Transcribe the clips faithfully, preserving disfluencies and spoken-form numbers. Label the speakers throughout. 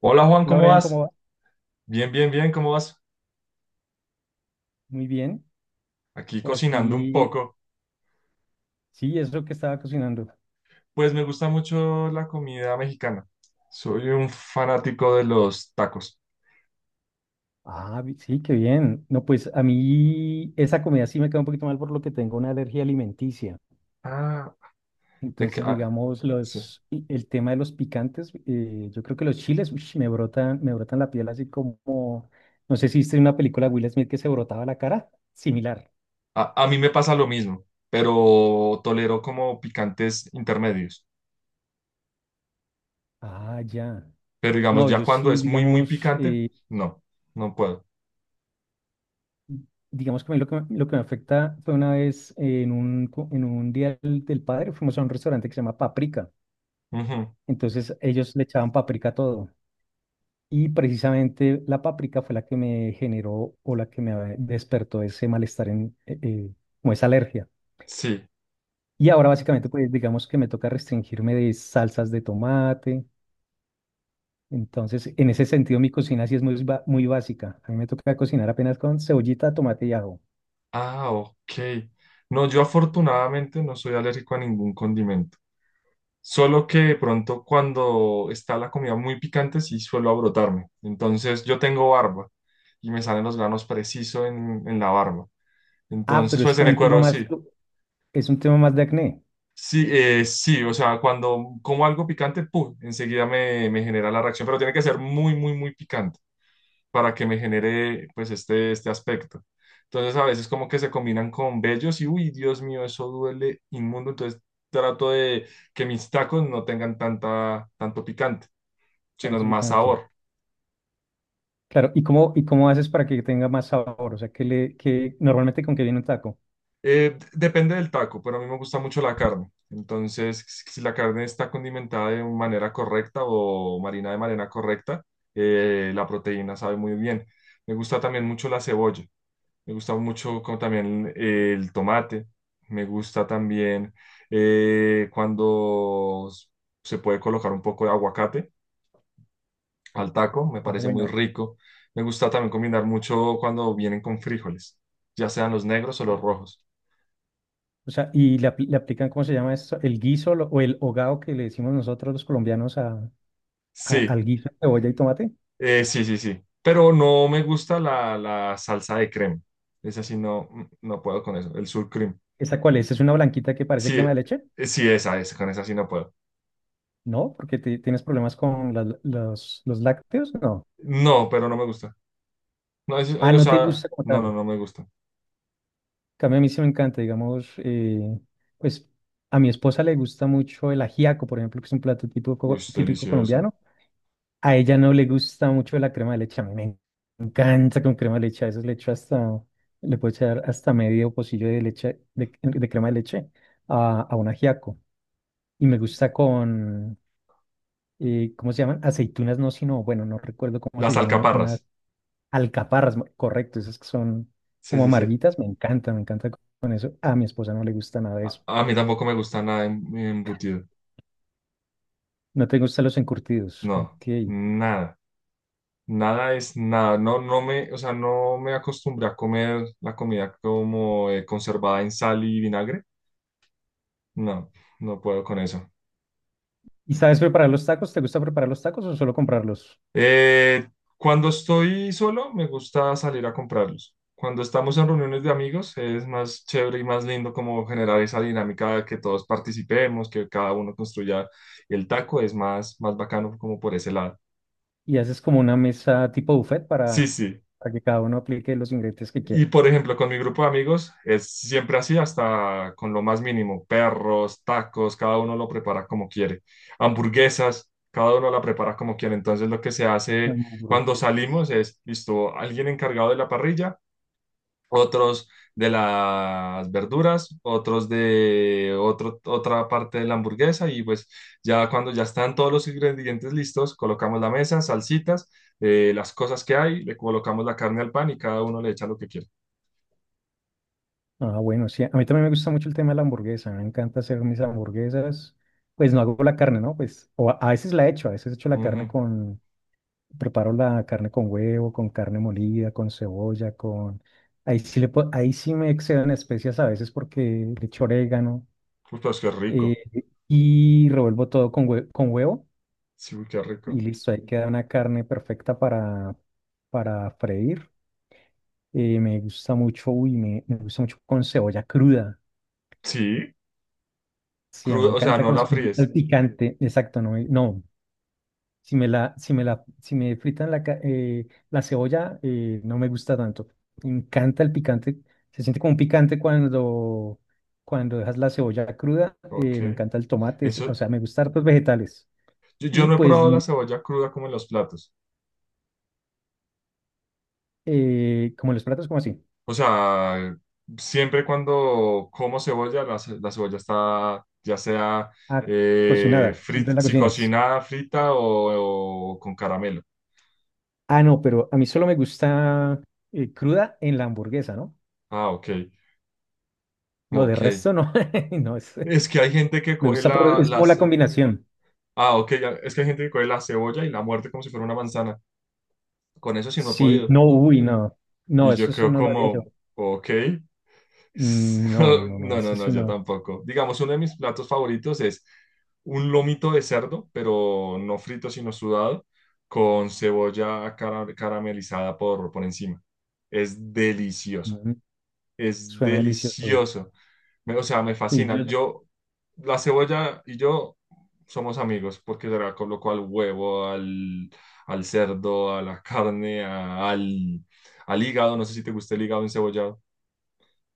Speaker 1: Hola Juan,
Speaker 2: Hola,
Speaker 1: ¿cómo
Speaker 2: Brian, ¿cómo
Speaker 1: vas?
Speaker 2: va?
Speaker 1: Bien, bien, bien, ¿cómo vas?
Speaker 2: Muy bien.
Speaker 1: Aquí
Speaker 2: Por
Speaker 1: cocinando un
Speaker 2: aquí,
Speaker 1: poco.
Speaker 2: sí, es lo que estaba cocinando.
Speaker 1: Pues me gusta mucho la comida mexicana. Soy un fanático de los tacos.
Speaker 2: Ah, vi- sí, qué bien. No, pues a mí esa comida sí me queda un poquito mal por lo que tengo una alergia alimenticia.
Speaker 1: Ah, de que,
Speaker 2: Entonces,
Speaker 1: ah,
Speaker 2: digamos,
Speaker 1: sí.
Speaker 2: los, y el tema de los picantes, eh, yo creo que los chiles, uish, me brotan, me brotan la piel así como, no sé si viste una película de Will Smith que se brotaba la cara, similar.
Speaker 1: A, a mí me pasa lo mismo, pero tolero como picantes intermedios.
Speaker 2: Ah, ya.
Speaker 1: Pero digamos,
Speaker 2: No,
Speaker 1: ya
Speaker 2: yo
Speaker 1: cuando
Speaker 2: sí,
Speaker 1: es muy, muy
Speaker 2: digamos,
Speaker 1: picante,
Speaker 2: eh,
Speaker 1: no, no puedo.
Speaker 2: Digamos que a mí lo que, me- lo que me afecta fue una vez eh, en un, co- en un día del, del padre, fuimos a un restaurante que se llama Paprika.
Speaker 1: Ujú.
Speaker 2: Entonces ellos le echaban paprika a todo. Y precisamente la paprika fue la que me generó o la que me despertó ese malestar, en, eh, eh, como esa alergia.
Speaker 1: Sí.
Speaker 2: Y ahora básicamente, pues digamos que me toca restringirme de salsas de tomate. Entonces, en ese sentido, mi cocina sí es muy, ba- muy básica. A mí me toca cocinar apenas con cebollita, tomate y ajo.
Speaker 1: Ah, ok. No, yo afortunadamente no soy alérgico a ningún condimento. Solo que de pronto cuando está la comida muy picante sí suelo abrotarme. Entonces yo tengo barba y me salen los granos preciso en, en la barba.
Speaker 2: Ah,
Speaker 1: Entonces
Speaker 2: pero es
Speaker 1: pues en
Speaker 2: como
Speaker 1: el
Speaker 2: un tema
Speaker 1: cuero
Speaker 2: más,
Speaker 1: sí.
Speaker 2: es un tema más de acné.
Speaker 1: Sí, eh, sí, o sea, cuando como algo picante, ¡pum! Enseguida me, me genera la reacción, pero tiene que ser muy, muy, muy picante para que me genere pues este, este aspecto. Entonces a veces como que se combinan con vellos y uy, Dios mío, eso duele inmundo. Entonces trato de que mis tacos no tengan tanta, tanto picante,
Speaker 2: Tan
Speaker 1: sino más
Speaker 2: picante.
Speaker 1: sabor.
Speaker 2: Claro, ¿y cómo, ¿y cómo haces para que tenga más sabor? O sea, que le, que normalmente con qué viene un taco.
Speaker 1: Eh, depende del taco, pero a mí me gusta mucho la carne. Entonces, si si la carne está condimentada de manera correcta o marina de manera correcta, eh, la proteína sabe muy bien. Me gusta también mucho la cebolla. Me gusta mucho como también eh, el tomate. Me gusta también eh, cuando s- se puede colocar un poco de aguacate al taco. Me
Speaker 2: Ah,
Speaker 1: parece muy
Speaker 2: bueno.
Speaker 1: rico. Me gusta también combinar mucho cuando vienen con frijoles, ya sean los negros o los
Speaker 2: Ah.
Speaker 1: rojos.
Speaker 2: O sea, y le, apl- le aplican, ¿cómo se llama eso? ¿El guiso lo- o el hogao, que le decimos nosotros los colombianos a, a-
Speaker 1: Sí,
Speaker 2: al guiso de cebolla y tomate?
Speaker 1: eh, sí, sí, sí. Pero no me gusta la, la salsa de crema. Esa sí no, mm, no puedo con eso. El sour cream.
Speaker 2: ¿Esa cuál es? ¿Es una blanquita que parece
Speaker 1: Sí,
Speaker 2: crema de
Speaker 1: eh,
Speaker 2: leche?
Speaker 1: eh, sí, esa, esa, con esa sí no puedo.
Speaker 2: No, porque te- tienes problemas con la- los, los lácteos. No.
Speaker 1: No, pero no me gusta. No, es-
Speaker 2: Ah,
Speaker 1: eh, o
Speaker 2: no te
Speaker 1: sea,
Speaker 2: gusta como
Speaker 1: no,
Speaker 2: tal.
Speaker 1: no,
Speaker 2: En
Speaker 1: no me gusta.
Speaker 2: cambio, a mí sí me encanta, digamos, eh, pues a mi esposa le gusta mucho el ajiaco, por ejemplo, que es un plato
Speaker 1: Uy,
Speaker 2: típico,
Speaker 1: es
Speaker 2: típico
Speaker 1: delicioso.
Speaker 2: colombiano. A ella no le gusta mucho la crema de leche. A mí me encanta con crema de leche. A veces le echo hasta, le puedo echar hasta medio pocillo de leche, de, de crema de leche a, a un ajiaco. Y me gusta con, eh, ¿cómo se llaman? Aceitunas, no, sino, bueno, no recuerdo cómo se
Speaker 1: Las
Speaker 2: llaman, eh, unas
Speaker 1: alcaparras.
Speaker 2: alcaparras, mo- correcto, esas que son
Speaker 1: Sí,
Speaker 2: como
Speaker 1: sí, sí.
Speaker 2: amarguitas. Me encanta, me encanta co- con eso. A mi esposa no le gusta nada de
Speaker 1: A,
Speaker 2: eso.
Speaker 1: a mí tampoco me gusta nada en- embutido.
Speaker 2: No te gustan los encurtidos.
Speaker 1: No,
Speaker 2: Ok.
Speaker 1: nada. Nada es nada. No, no me, o sea, no me acostumbré a comer la comida como eh, conservada en sal y vinagre. No, no puedo con eso.
Speaker 2: ¿Y sabes preparar los tacos? ¿Te gusta preparar los tacos o solo comprarlos?
Speaker 1: Eh, Cuando estoy solo, me gusta salir a comprarlos. Cuando estamos en reuniones de amigos, es más chévere y más lindo como generar esa dinámica de que todos participemos, que cada uno construya el taco, es más, más bacano como por ese lado.
Speaker 2: ¿Y haces como una mesa tipo buffet
Speaker 1: Sí,
Speaker 2: para,
Speaker 1: sí.
Speaker 2: para que cada uno aplique los ingredientes que
Speaker 1: Y
Speaker 2: quiera?
Speaker 1: por ejemplo, con mi grupo de amigos es siempre así, hasta con lo más mínimo, perros, tacos, cada uno lo prepara como quiere, hamburguesas, cada uno la prepara como quiere. Entonces lo que se hace cuando
Speaker 2: Hamburguesa.
Speaker 1: salimos es, listo, alguien encargado de la parrilla, otros de las verduras, otros de otro, otra parte de la hamburguesa y pues ya cuando ya están todos los ingredientes listos, colocamos la mesa, salsitas, eh, las cosas que hay, le colocamos la carne al pan y cada uno le echa lo que quiere.
Speaker 2: Ah, bueno, sí, a mí también me gusta mucho el tema de la hamburguesa, me encanta hacer mis hamburguesas, pues no hago la carne, ¿no? Pues o a a veces la echo, a veces echo la carne
Speaker 1: Ujú.
Speaker 2: con, preparo la carne con huevo, con carne molida, con cebolla, con… Ahí sí, le, po- ahí sí me excedo en especias a veces porque le echo orégano
Speaker 1: Uy, pues qué
Speaker 2: eh,
Speaker 1: rico.
Speaker 2: y revuelvo todo con, hue- con huevo
Speaker 1: Sí, uy, qué
Speaker 2: y
Speaker 1: rico.
Speaker 2: listo, ahí queda una carne perfecta para, para freír. Eh, me gusta mucho, uy, me, me gusta mucho con cebolla cruda.
Speaker 1: Sí,
Speaker 2: Sí, a mí me
Speaker 1: crudo, o sea,
Speaker 2: encanta
Speaker 1: no
Speaker 2: con
Speaker 1: la
Speaker 2: cebolla, me gusta el
Speaker 1: fríes.
Speaker 2: picante, exacto, no, me- no. Si me la, si me la, si me fritan la, ca- eh, la cebolla, eh, no me gusta tanto. Me encanta el picante, se siente como un picante cuando, cuando dejas la cebolla cruda. Eh, me
Speaker 1: Ok.
Speaker 2: encanta el tomate, es- o
Speaker 1: Eso,
Speaker 2: sea, me gustan hartos vegetales.
Speaker 1: yo, yo
Speaker 2: Y
Speaker 1: no he
Speaker 2: pues,
Speaker 1: probado la
Speaker 2: n-
Speaker 1: cebolla cruda como en los platos.
Speaker 2: eh, como los platos, como así.
Speaker 1: O sea, siempre cuando como cebolla, la, ce- la cebolla está ya sea
Speaker 2: Ah,
Speaker 1: eh,
Speaker 2: cocinada, siempre
Speaker 1: frit-
Speaker 2: la
Speaker 1: si
Speaker 2: cocinas.
Speaker 1: cocinada, frita o, o con caramelo.
Speaker 2: Ah, no, pero a mí solo me gusta eh, cruda en la hamburguesa, ¿no?
Speaker 1: Ah, ok.
Speaker 2: No, de
Speaker 1: Ok.
Speaker 2: resto no. No, es,
Speaker 1: Es que hay gente que
Speaker 2: me
Speaker 1: coge
Speaker 2: gusta por,
Speaker 1: la,
Speaker 2: es
Speaker 1: la
Speaker 2: como la
Speaker 1: ce-
Speaker 2: combinación.
Speaker 1: Ah, ok. ya- Es que hay gente que coge la cebolla y la muerde como si fuera una manzana. Con eso sí no he
Speaker 2: Sí,
Speaker 1: podido.
Speaker 2: no, uy, no. No,
Speaker 1: Y yo
Speaker 2: eso sí
Speaker 1: quedo
Speaker 2: no lo haría yo.
Speaker 1: como, ok.
Speaker 2: Mm, no, no, no, no,
Speaker 1: No, no,
Speaker 2: eso
Speaker 1: no,
Speaker 2: sí
Speaker 1: yo
Speaker 2: no.
Speaker 1: tampoco. Digamos, uno de mis platos favoritos es un lomito de cerdo, pero no frito, sino sudado, con cebolla cara- caramelizada por, por encima. Es delicioso,
Speaker 2: Mm,
Speaker 1: es
Speaker 2: suena delicioso.
Speaker 1: delicioso. Me- o sea, me
Speaker 2: Sí,
Speaker 1: fascina.
Speaker 2: yo,
Speaker 1: Yo, la cebolla y yo somos amigos porque se la coloco al huevo, al, al cerdo, a la carne, a- al, al hígado. No sé si te gusta el hígado encebollado.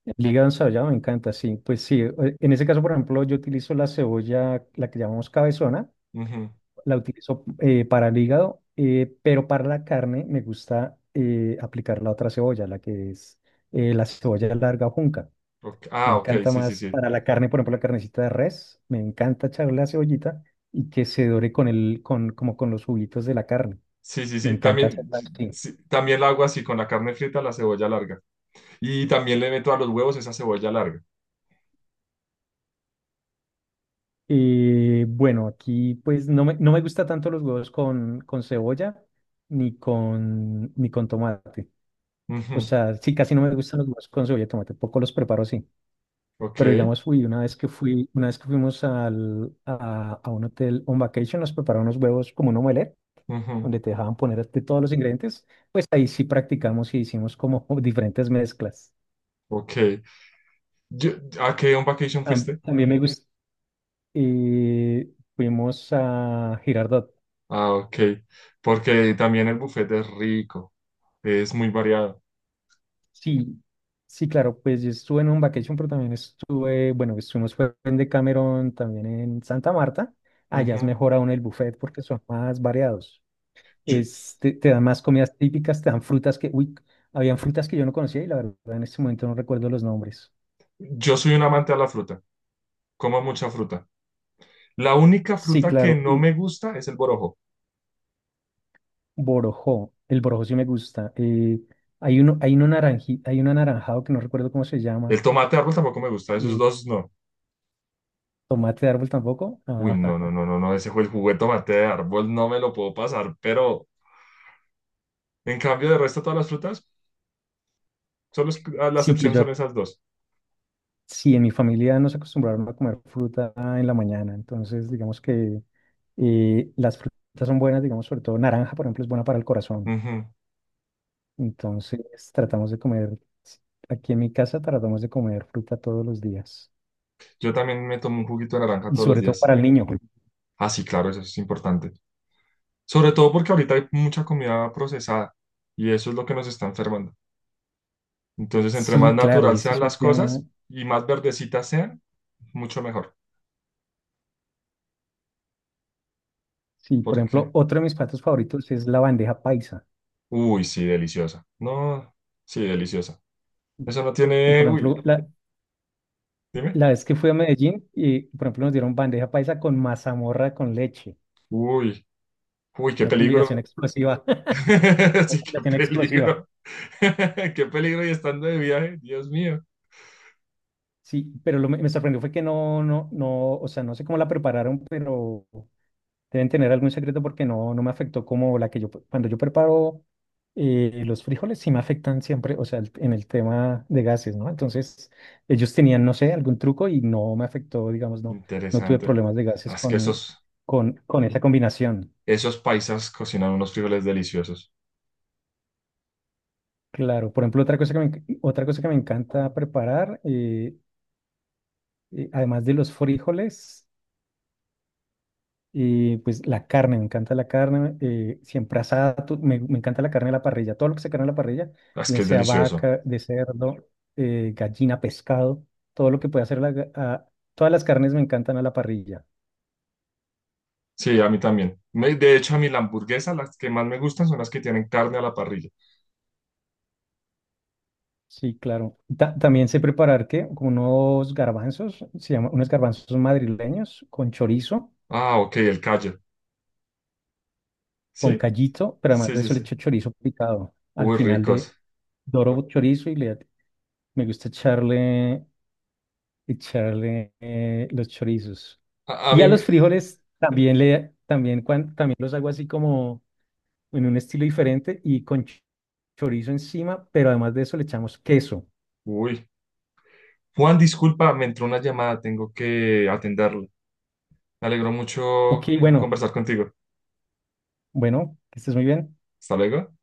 Speaker 2: el hígado ensallado me encanta, sí. Pues sí, eh, en ese caso, por ejemplo, yo utilizo la cebolla, la que llamamos cabezona.
Speaker 1: Ujú.
Speaker 2: La utilizo eh, para el hígado, eh, pero para la carne me gusta eh, aplicar la otra cebolla, la que es eh, la cebolla larga o junca.
Speaker 1: Ok.
Speaker 2: Me
Speaker 1: Ah, ok,
Speaker 2: encanta
Speaker 1: sí, sí,
Speaker 2: más
Speaker 1: sí.
Speaker 2: para la carne, por ejemplo, la carnecita de res, me encanta echarle la cebollita y que se dore con el, con, como con los juguitos de la carne.
Speaker 1: Sí, sí,
Speaker 2: Me
Speaker 1: sí.
Speaker 2: encanta
Speaker 1: También,
Speaker 2: hacerla así.
Speaker 1: sí, también la hago así con la carne frita, la cebolla larga. Y también le meto a los huevos esa cebolla larga.
Speaker 2: Eh, bueno, aquí pues no me, no me gusta tanto los huevos con, con cebolla ni con, ni con tomate. O
Speaker 1: Ujú.
Speaker 2: sea, sí, casi no me gustan los huevos con cebolla y tomate, poco los preparo así.
Speaker 1: Ok,
Speaker 2: Pero digamos, fui una vez que fui una vez que fuimos al, a, a un hotel on vacation, nos prepararon unos huevos como un omelette,
Speaker 1: ujú.
Speaker 2: donde te dejaban poner de todos los ingredientes. Pues ahí sí practicamos y hicimos como diferentes mezclas.
Speaker 1: Ok. Yo- ¿A qué on vacation
Speaker 2: Tam-
Speaker 1: fuiste?
Speaker 2: También me gusta. Eh, Fuimos a Girardot.
Speaker 1: Ah, ok. Porque también el buffet es rico. Es muy variado.
Speaker 2: Sí, sí, claro, pues yo estuve en un vacation, pero también estuve, bueno, estuvimos fue en Decameron, también en Santa Marta. Allá es
Speaker 1: Ujú.
Speaker 2: mejor aún el buffet porque son más variados.
Speaker 1: Yo,
Speaker 2: Es- te, te dan más comidas típicas, te dan frutas que, uy, habían frutas que yo no conocía y la verdad en este momento no recuerdo los nombres.
Speaker 1: yo soy un amante a la fruta, como mucha fruta. La única
Speaker 2: Sí,
Speaker 1: fruta que
Speaker 2: claro,
Speaker 1: no
Speaker 2: y
Speaker 1: me gusta es el borojo.
Speaker 2: borojó, el borojó sí me gusta. Eh, hay uno, hay uno naranji, hay un anaranjado que no recuerdo cómo se llama,
Speaker 1: El tomate de árbol tampoco me gusta, esos
Speaker 2: eh,
Speaker 1: dos no.
Speaker 2: tomate de árbol tampoco.
Speaker 1: Uy,
Speaker 2: Ah,
Speaker 1: no, no, no, no, no, ese fue el juguete tomate de árbol, no me lo puedo pasar, pero en cambio de resto todas las frutas, solo es- ah, la
Speaker 2: sí, pues
Speaker 1: excepción
Speaker 2: yo,
Speaker 1: son esas dos.
Speaker 2: sí, en mi familia nos acostumbraron a comer fruta en la mañana, entonces digamos que eh, las frutas son buenas, digamos, sobre todo naranja, por ejemplo, es buena para el corazón.
Speaker 1: Ujú.
Speaker 2: Entonces tratamos de comer, aquí en mi casa tratamos de comer fruta todos los días.
Speaker 1: Yo también me tomo un juguito de naranja
Speaker 2: Y
Speaker 1: todos los
Speaker 2: sobre todo para
Speaker 1: días.
Speaker 2: el niño.
Speaker 1: Ah, sí, claro, eso es importante. Sobre todo porque ahorita hay mucha comida procesada y eso es lo que nos está enfermando. Entonces, entre más
Speaker 2: Sí, claro,
Speaker 1: natural
Speaker 2: ese
Speaker 1: sean
Speaker 2: es un
Speaker 1: las
Speaker 2: tema.
Speaker 1: cosas y más verdecitas sean, mucho mejor.
Speaker 2: Sí, por
Speaker 1: Porque,
Speaker 2: ejemplo, otro de mis platos favoritos es la bandeja paisa.
Speaker 1: uy, sí, deliciosa. No, sí, deliciosa. Eso no
Speaker 2: Y
Speaker 1: tiene,
Speaker 2: por ejemplo,
Speaker 1: uy,
Speaker 2: la,
Speaker 1: dime.
Speaker 2: la vez que fui a Medellín, y por ejemplo nos dieron bandeja paisa con mazamorra con leche.
Speaker 1: Uy, uy, qué
Speaker 2: Una combinación
Speaker 1: peligro.
Speaker 2: explosiva. Una
Speaker 1: Sí, qué
Speaker 2: combinación explosiva.
Speaker 1: peligro. Qué peligro y estando de viaje, Dios mío.
Speaker 2: Sí, pero lo me me sorprendió fue que no, no, no, o sea, no sé cómo la prepararon, pero deben tener algún secreto porque no, no me afectó como la que yo, cuando yo preparo eh, los frijoles, sí me afectan siempre, o sea, el- en el tema de gases, ¿no? Entonces, ellos tenían, no sé, algún truco y no me afectó, digamos, no, no tuve
Speaker 1: Interesante.
Speaker 2: problemas de
Speaker 1: Ah,
Speaker 2: gases
Speaker 1: es que
Speaker 2: con,
Speaker 1: esos,
Speaker 2: con, con esa combinación.
Speaker 1: esos paisas cocinan unos frijoles deliciosos.
Speaker 2: Claro, por ejemplo, otra cosa que me, enc- otra cosa que me encanta preparar, eh, eh, además de los frijoles. Y pues la carne, me encanta la carne, eh, siempre asada, to- me, me encanta la carne de la parrilla, todo lo que se carne a la parrilla,
Speaker 1: Ah, es que
Speaker 2: bien
Speaker 1: es
Speaker 2: sea
Speaker 1: delicioso.
Speaker 2: vaca, de cerdo, eh, gallina, pescado, todo lo que pueda hacer la, ga- a- todas las carnes me encantan a la parrilla.
Speaker 1: Sí, a mí también. Me- de hecho, a mí la hamburguesa, las que más me gustan son las que tienen carne a la parrilla.
Speaker 2: Sí, claro. Ta- también sé preparar ¿qué? Como unos garbanzos, se llama, unos garbanzos madrileños con chorizo,
Speaker 1: Ah, ok, el callo.
Speaker 2: con
Speaker 1: Sí,
Speaker 2: callito, pero además
Speaker 1: sí,
Speaker 2: de
Speaker 1: sí,
Speaker 2: eso le
Speaker 1: sí.
Speaker 2: echo chorizo picado al
Speaker 1: Uy,
Speaker 2: final de
Speaker 1: ricos.
Speaker 2: doro chorizo y le, me gusta echarle echarle eh, los chorizos.
Speaker 1: A, a
Speaker 2: Y
Speaker 1: mí,
Speaker 2: a los
Speaker 1: me-
Speaker 2: frijoles también le también cuan- también los hago así como en un estilo diferente y con ch- chorizo encima, pero además de eso le echamos queso.
Speaker 1: Uy. Juan, disculpa, me entró una llamada, tengo que atenderla. Me alegró
Speaker 2: Ok,
Speaker 1: mucho
Speaker 2: bueno,
Speaker 1: conversar contigo.
Speaker 2: bueno, que estés muy bien.
Speaker 1: Hasta luego.